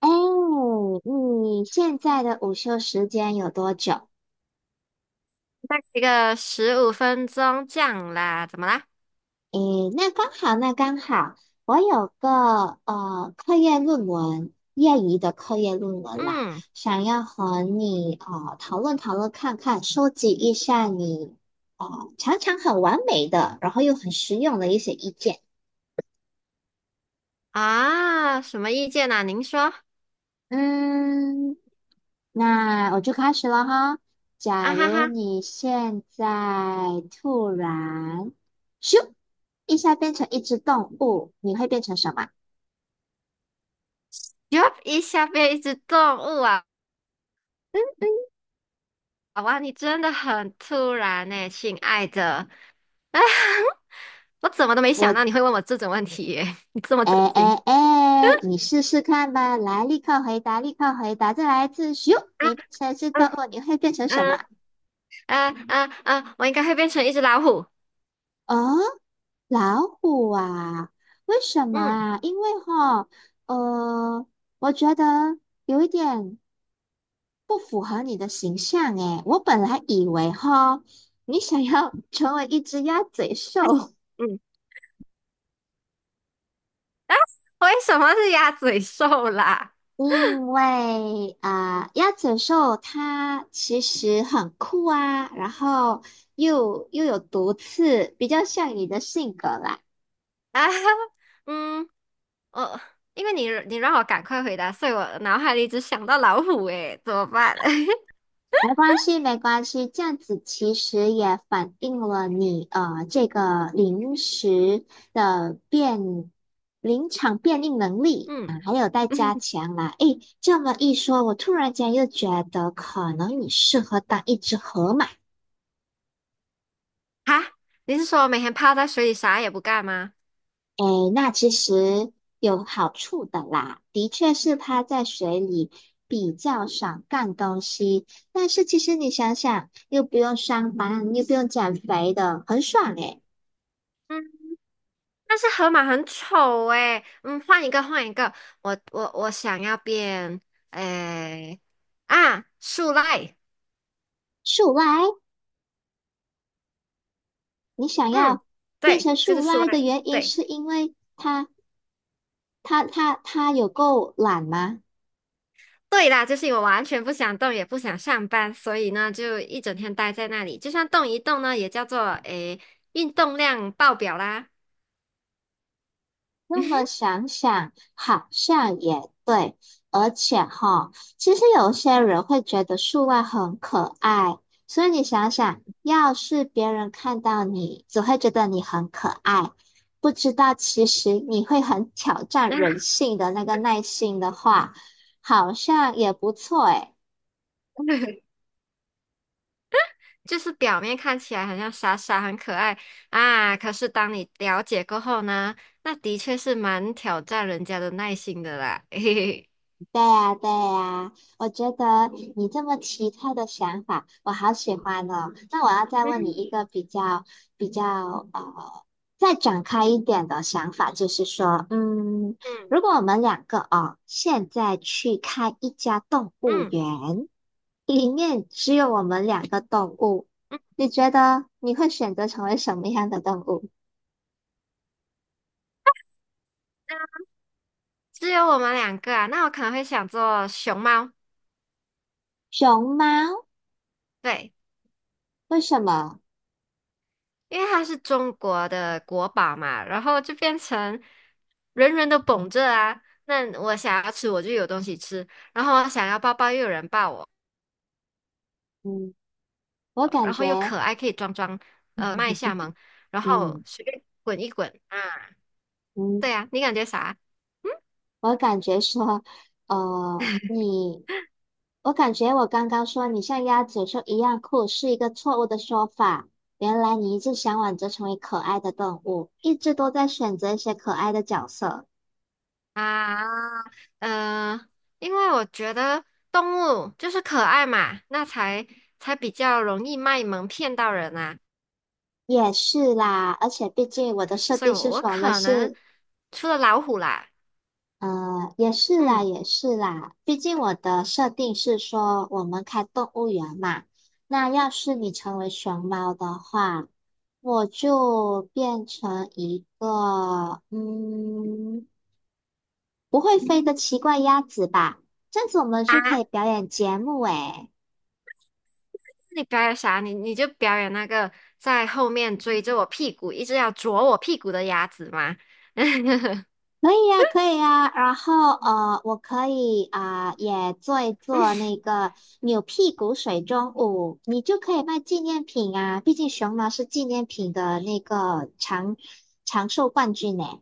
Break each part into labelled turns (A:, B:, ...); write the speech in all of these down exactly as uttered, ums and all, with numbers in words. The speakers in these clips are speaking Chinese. A: 哎，你现在的午休时间有多久？
B: 那一个十五分钟这样啦，怎么啦？
A: 诶，那刚好，那刚好，我有个呃课业论文，业余的课业论文啦，
B: 嗯。
A: 想要和你呃讨论讨论看看，收集一下你呃常常很完美的，然后又很实用的一些意见。
B: 啊，什么意见啊？您说。
A: 嗯，那我就开始了哈。
B: 啊
A: 假
B: 哈
A: 如
B: 哈，
A: 你现在突然咻一下变成一只动物，你会变成什么？
B: 哟，一下变一只动物啊！哇，你真的很突然呢，亲爱的。啊，我怎么都没想到你
A: 我
B: 会问我这种问题耶，你这么震
A: 哎哎
B: 惊。
A: 哎，你试试看吧，来，立刻回答，立刻回答，再来一次咻！
B: 啊
A: 你变成一只动
B: 嗯
A: 物，你会变成什
B: 嗯
A: 么？
B: 嗯嗯嗯，我应该会变成一只老虎。
A: 哦，老虎啊？为什么
B: 嗯
A: 啊？因为哈，呃，我觉得有一点。不符合你的形象诶，我本来以为哈，你想要 成为一只鸭嘴兽，
B: 嗯。为什么是鸭嘴兽啦？
A: 因为啊、呃鸭嘴兽它其实很酷啊，然后又又有毒刺，比较像你的性格啦。
B: 啊，嗯。呃，因为你你让我赶快回答，所以我脑海里只想到老虎，诶，怎么办？
A: 没关系，没关系，这样子其实也反映了你呃这个临时的变临场变应能力
B: 嗯，
A: 啊，还有待加
B: 嗯，
A: 强啦。诶，这么一说，我突然间又觉得可能你适合当一只河马。
B: 哈，你是说我每天泡在水里啥也不干吗？
A: 诶，那其实有好处的啦，的确是趴在水里比较少干东西，但是其实你想想，又不用上班，又不用减肥的，很爽诶。
B: 嗯，但是河马很丑诶，嗯，换一个换一个，我我我想要变，诶，啊，树赖，
A: 树懒，你想
B: 嗯，
A: 要变
B: 对，
A: 成
B: 就
A: 树
B: 是树
A: 懒
B: 赖
A: 的
B: 了
A: 原因
B: 对。
A: 是因为它它它它有够懒吗？
B: 对啦，就是因为我完全不想动，也不想上班，所以呢，就一整天待在那里。就算动一动呢，也叫做诶运动量爆表啦。
A: 那 么想想好像也对，而且哈，其实有些人会觉得树懒很可爱，所以你想想，要是别人看到你，只会觉得你很可爱，不知道其实你会很挑战 人
B: 啊，
A: 性的那个耐性的话，好像也不错诶。
B: 就是表面看起来很像傻傻，很可爱啊，可是当你了解过后呢，那的确是蛮挑战人家的耐心的啦。嘿嘿嘿，
A: 对呀，对呀，我觉得你这么奇特的想法，我好喜欢哦。那我要再问你
B: 嗯
A: 一个比较比较呃，再展开一点的想法，就是说，嗯，
B: 嗯
A: 如果我们两个哦，现在去开一家动物
B: 嗯
A: 园，里面只有我们两个动物，
B: 嗯，
A: 你觉得你会选择成为什么样的动物？
B: 只有我们两个啊，那我可能会想做熊猫，
A: 熊猫？
B: 对，
A: 为什么？
B: 因为它是中国的国宝嘛，然后就变成人人都捧着啊。那我想要吃，我就有东西吃；然后我想要抱抱，又有人抱我。
A: 嗯，我感
B: 然后又
A: 觉，
B: 可爱，可以装装呃卖下萌，然后
A: 嗯
B: 随便滚一滚啊。
A: 嗯。
B: 对呀，你感觉啥
A: 我感觉说，呃，你，我感觉我刚刚说你像鸭嘴兽一样酷是一个错误的说法。原来你一直向往着成为可爱的动物，一直都在选择一些可爱的角色。
B: 啊？呃，因为我觉得动物就是可爱嘛，那才才比较容易卖萌骗到人啊。
A: 也是啦，而且毕竟我的设
B: 所以
A: 定
B: 我，
A: 是
B: 我
A: 什么
B: 可能
A: 是
B: 除了老虎啦，
A: 呃，也是啦，
B: 嗯
A: 也是啦。毕竟我的设定是说，我们开动物园嘛。那要是你成为熊猫的话，我就变成一个嗯不会飞的奇怪鸭子吧。这样子我们
B: 啊，
A: 就可以表演节目诶。
B: 你表演啥？你你就表演那个在后面追着我屁股，一直要啄我屁股的鸭子吗？
A: 可以呀，可以呀，然后呃，我可以啊、也做一做那个扭屁股水中舞，你就可以卖纪念品啊，毕竟熊猫是纪念品的那个长长寿冠军呢。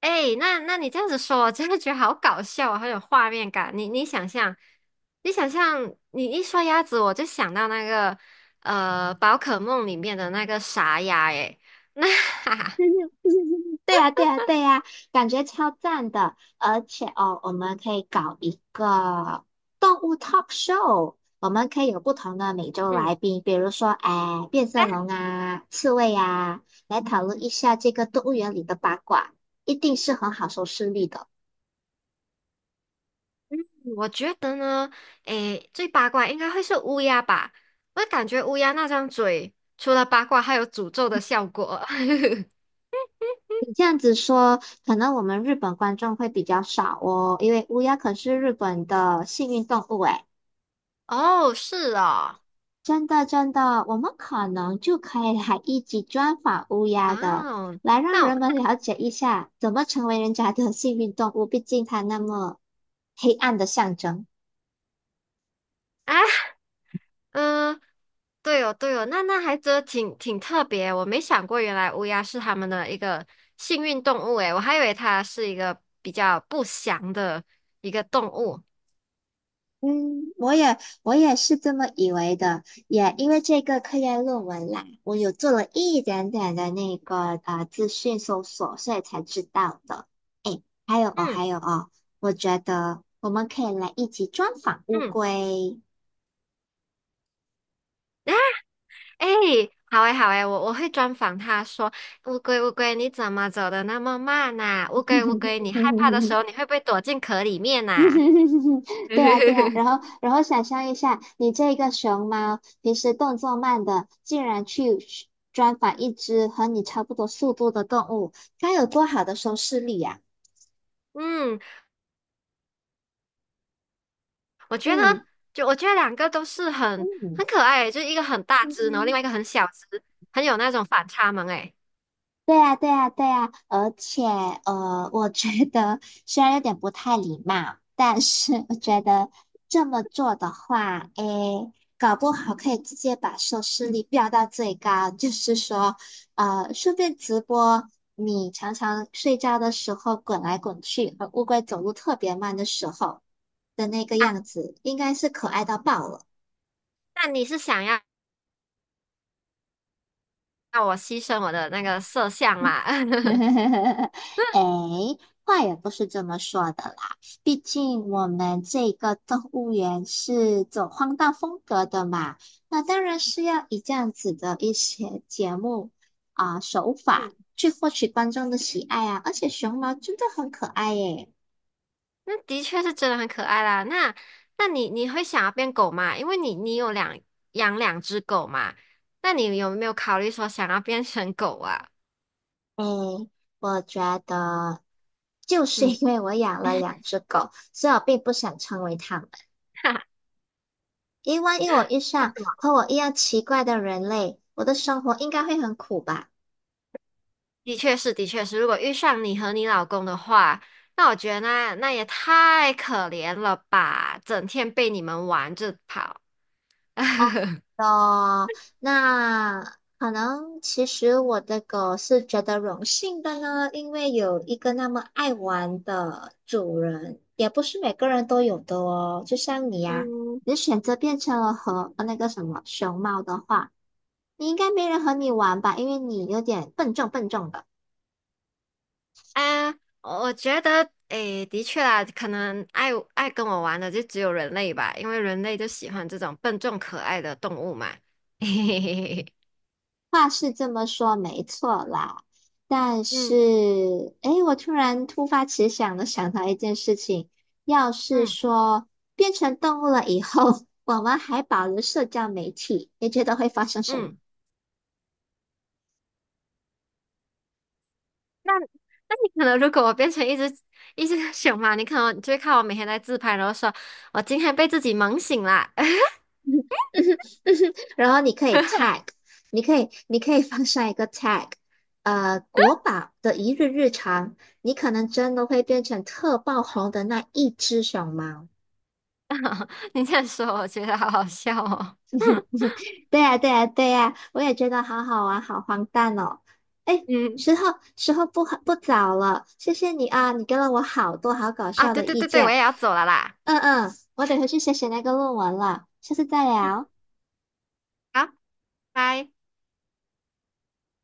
B: 哎，那那你这样子说，我真的觉得好搞笑啊，好有画面感。你你想象，你想象，你一说鸭子，我就想到那个呃，宝可梦里面的那个傻鸭。哎，那 哈 哈，
A: 对对对对呀，对呀，对呀，感觉超赞的。而且哦，我们可以搞一个动物 talk show，我们可以有不同的美洲 来
B: 嗯，
A: 宾，比如说，哎，变色龙啊，刺猬啊，来讨论一下这个动物园里的八卦，一定是很好收视率的。
B: 我觉得呢，哎，最八卦应该会是乌鸦吧？我感觉乌鸦那张嘴除了八卦，还有诅咒的效果。
A: 你这样子说，可能我们日本观众会比较少哦，因为乌鸦可是日本的幸运动物诶。
B: 哦，是哦，
A: 真的，真的，我们可能就可以来一起专访乌鸦的，
B: 哦，
A: 来让
B: 那
A: 人
B: 我
A: 们了解一下怎么成为人家的幸运动物。毕竟它那么黑暗的象征。
B: 啊。嗯，对哦，对哦，那那还真的挺挺特别，我没想过原来乌鸦是他们的一个幸运动物诶，我还以为它是一个比较不祥的一个动物。
A: 嗯，我也我也是这么以为的，也因为这个科研论文啦，我有做了一点点的那个呃资讯搜索，所以才知道的。诶，还有哦，
B: 嗯
A: 还有哦，我觉得我们可以来一起专访乌
B: 嗯，
A: 龟。
B: 啊，诶，好诶好诶，我我会专访他说，乌龟乌龟，你怎么走的那么慢呐，乌龟乌龟，你害怕的时 候，你会不会躲进壳里面
A: 嗯
B: 呐。
A: 哼哼哼哼，对啊对啊，然 后然后想象一下，你这个熊猫平时动作慢的，竟然去去专访一只和你差不多速度的动物，该有多好的收视率呀、
B: 嗯，我觉得，
A: 嗯
B: 就我觉得两个都是很很
A: 嗯
B: 可爱欸，就是一个很大只，然后另
A: 嗯。
B: 外一个很小只，很有那种反差萌诶。
A: 对呀，对呀，对呀，而且呃，我觉得虽然有点不太礼貌，但是我觉得这么做的话，诶，搞不好可以直接把收视率飙到最高。就是说，呃，顺便直播你常常睡觉的时候滚来滚去，和乌龟走路特别慢的时候的那个样子，应该是可爱到爆了。
B: 那你是想要让我牺牲我的那个色相嘛？
A: 哎，话也不是这么说的啦。毕竟我们这个动物园是走荒诞风格的嘛，那当然是要以这样子的一些节目啊、手
B: 嗯，
A: 法去获取观众的喜爱啊。而且熊猫真的很可爱耶。
B: 那的确是真的很可爱啦。那那你你会想要变狗吗？因为你你有两养两只狗嘛，那你有没有考虑说想要变成狗啊？
A: 哎，我觉得就是
B: 嗯，
A: 因为我养了两 只狗，所以我并不想成为它们。因为万一我遇上和我一样奇怪的人类，我的生活应该会很苦吧。
B: 的确是，的确是。如果遇上你和你老公的话，那我觉得那那也太可怜了吧，整天被你们玩着跑。
A: 哦，那可能其实我的狗是觉得荣幸的呢，因为有一个那么爱玩的主人，也不是每个人都有的哦。就像你呀、
B: 嗯，
A: 你选择变成了和呃那个什么熊猫的话，你应该没人和你玩吧，因为你有点笨重笨重的。
B: 啊，我觉得，诶，的确啦，可能爱爱跟我玩的就只有人类吧，因为人类就喜欢这种笨重可爱的动物嘛。嘿嘿嘿嘿嘿。
A: 话是这么说，没错啦。但是，
B: 嗯
A: 诶，我突然突发奇想的想到一件事情，要是
B: 嗯
A: 说变成动物了以后，我们还保留社交媒体，你觉得会发生什么？
B: 嗯，那那你可能如果我变成一只一只熊嘛，你可能就会看我每天在自拍，然后说我今天被自己萌醒啦。
A: 然后你可以 tag，你可以你可以放上一个 tag，呃，国宝的一日日常，你可能真的会变成特爆红的那一只熊猫。
B: 你这样说，我觉得好好笑哦。
A: 对呀，对呀，对呀，我也觉得好好玩，好荒诞哦。哎，
B: 嗯，
A: 时候时候不不早了，谢谢你啊，你给了我好多好搞
B: 啊，
A: 笑
B: 对
A: 的
B: 对
A: 意
B: 对对，我
A: 见。
B: 也要走了啦。
A: 嗯嗯，我得回去写写那个论文了，下次再
B: 嗯。
A: 聊。
B: 好，拜。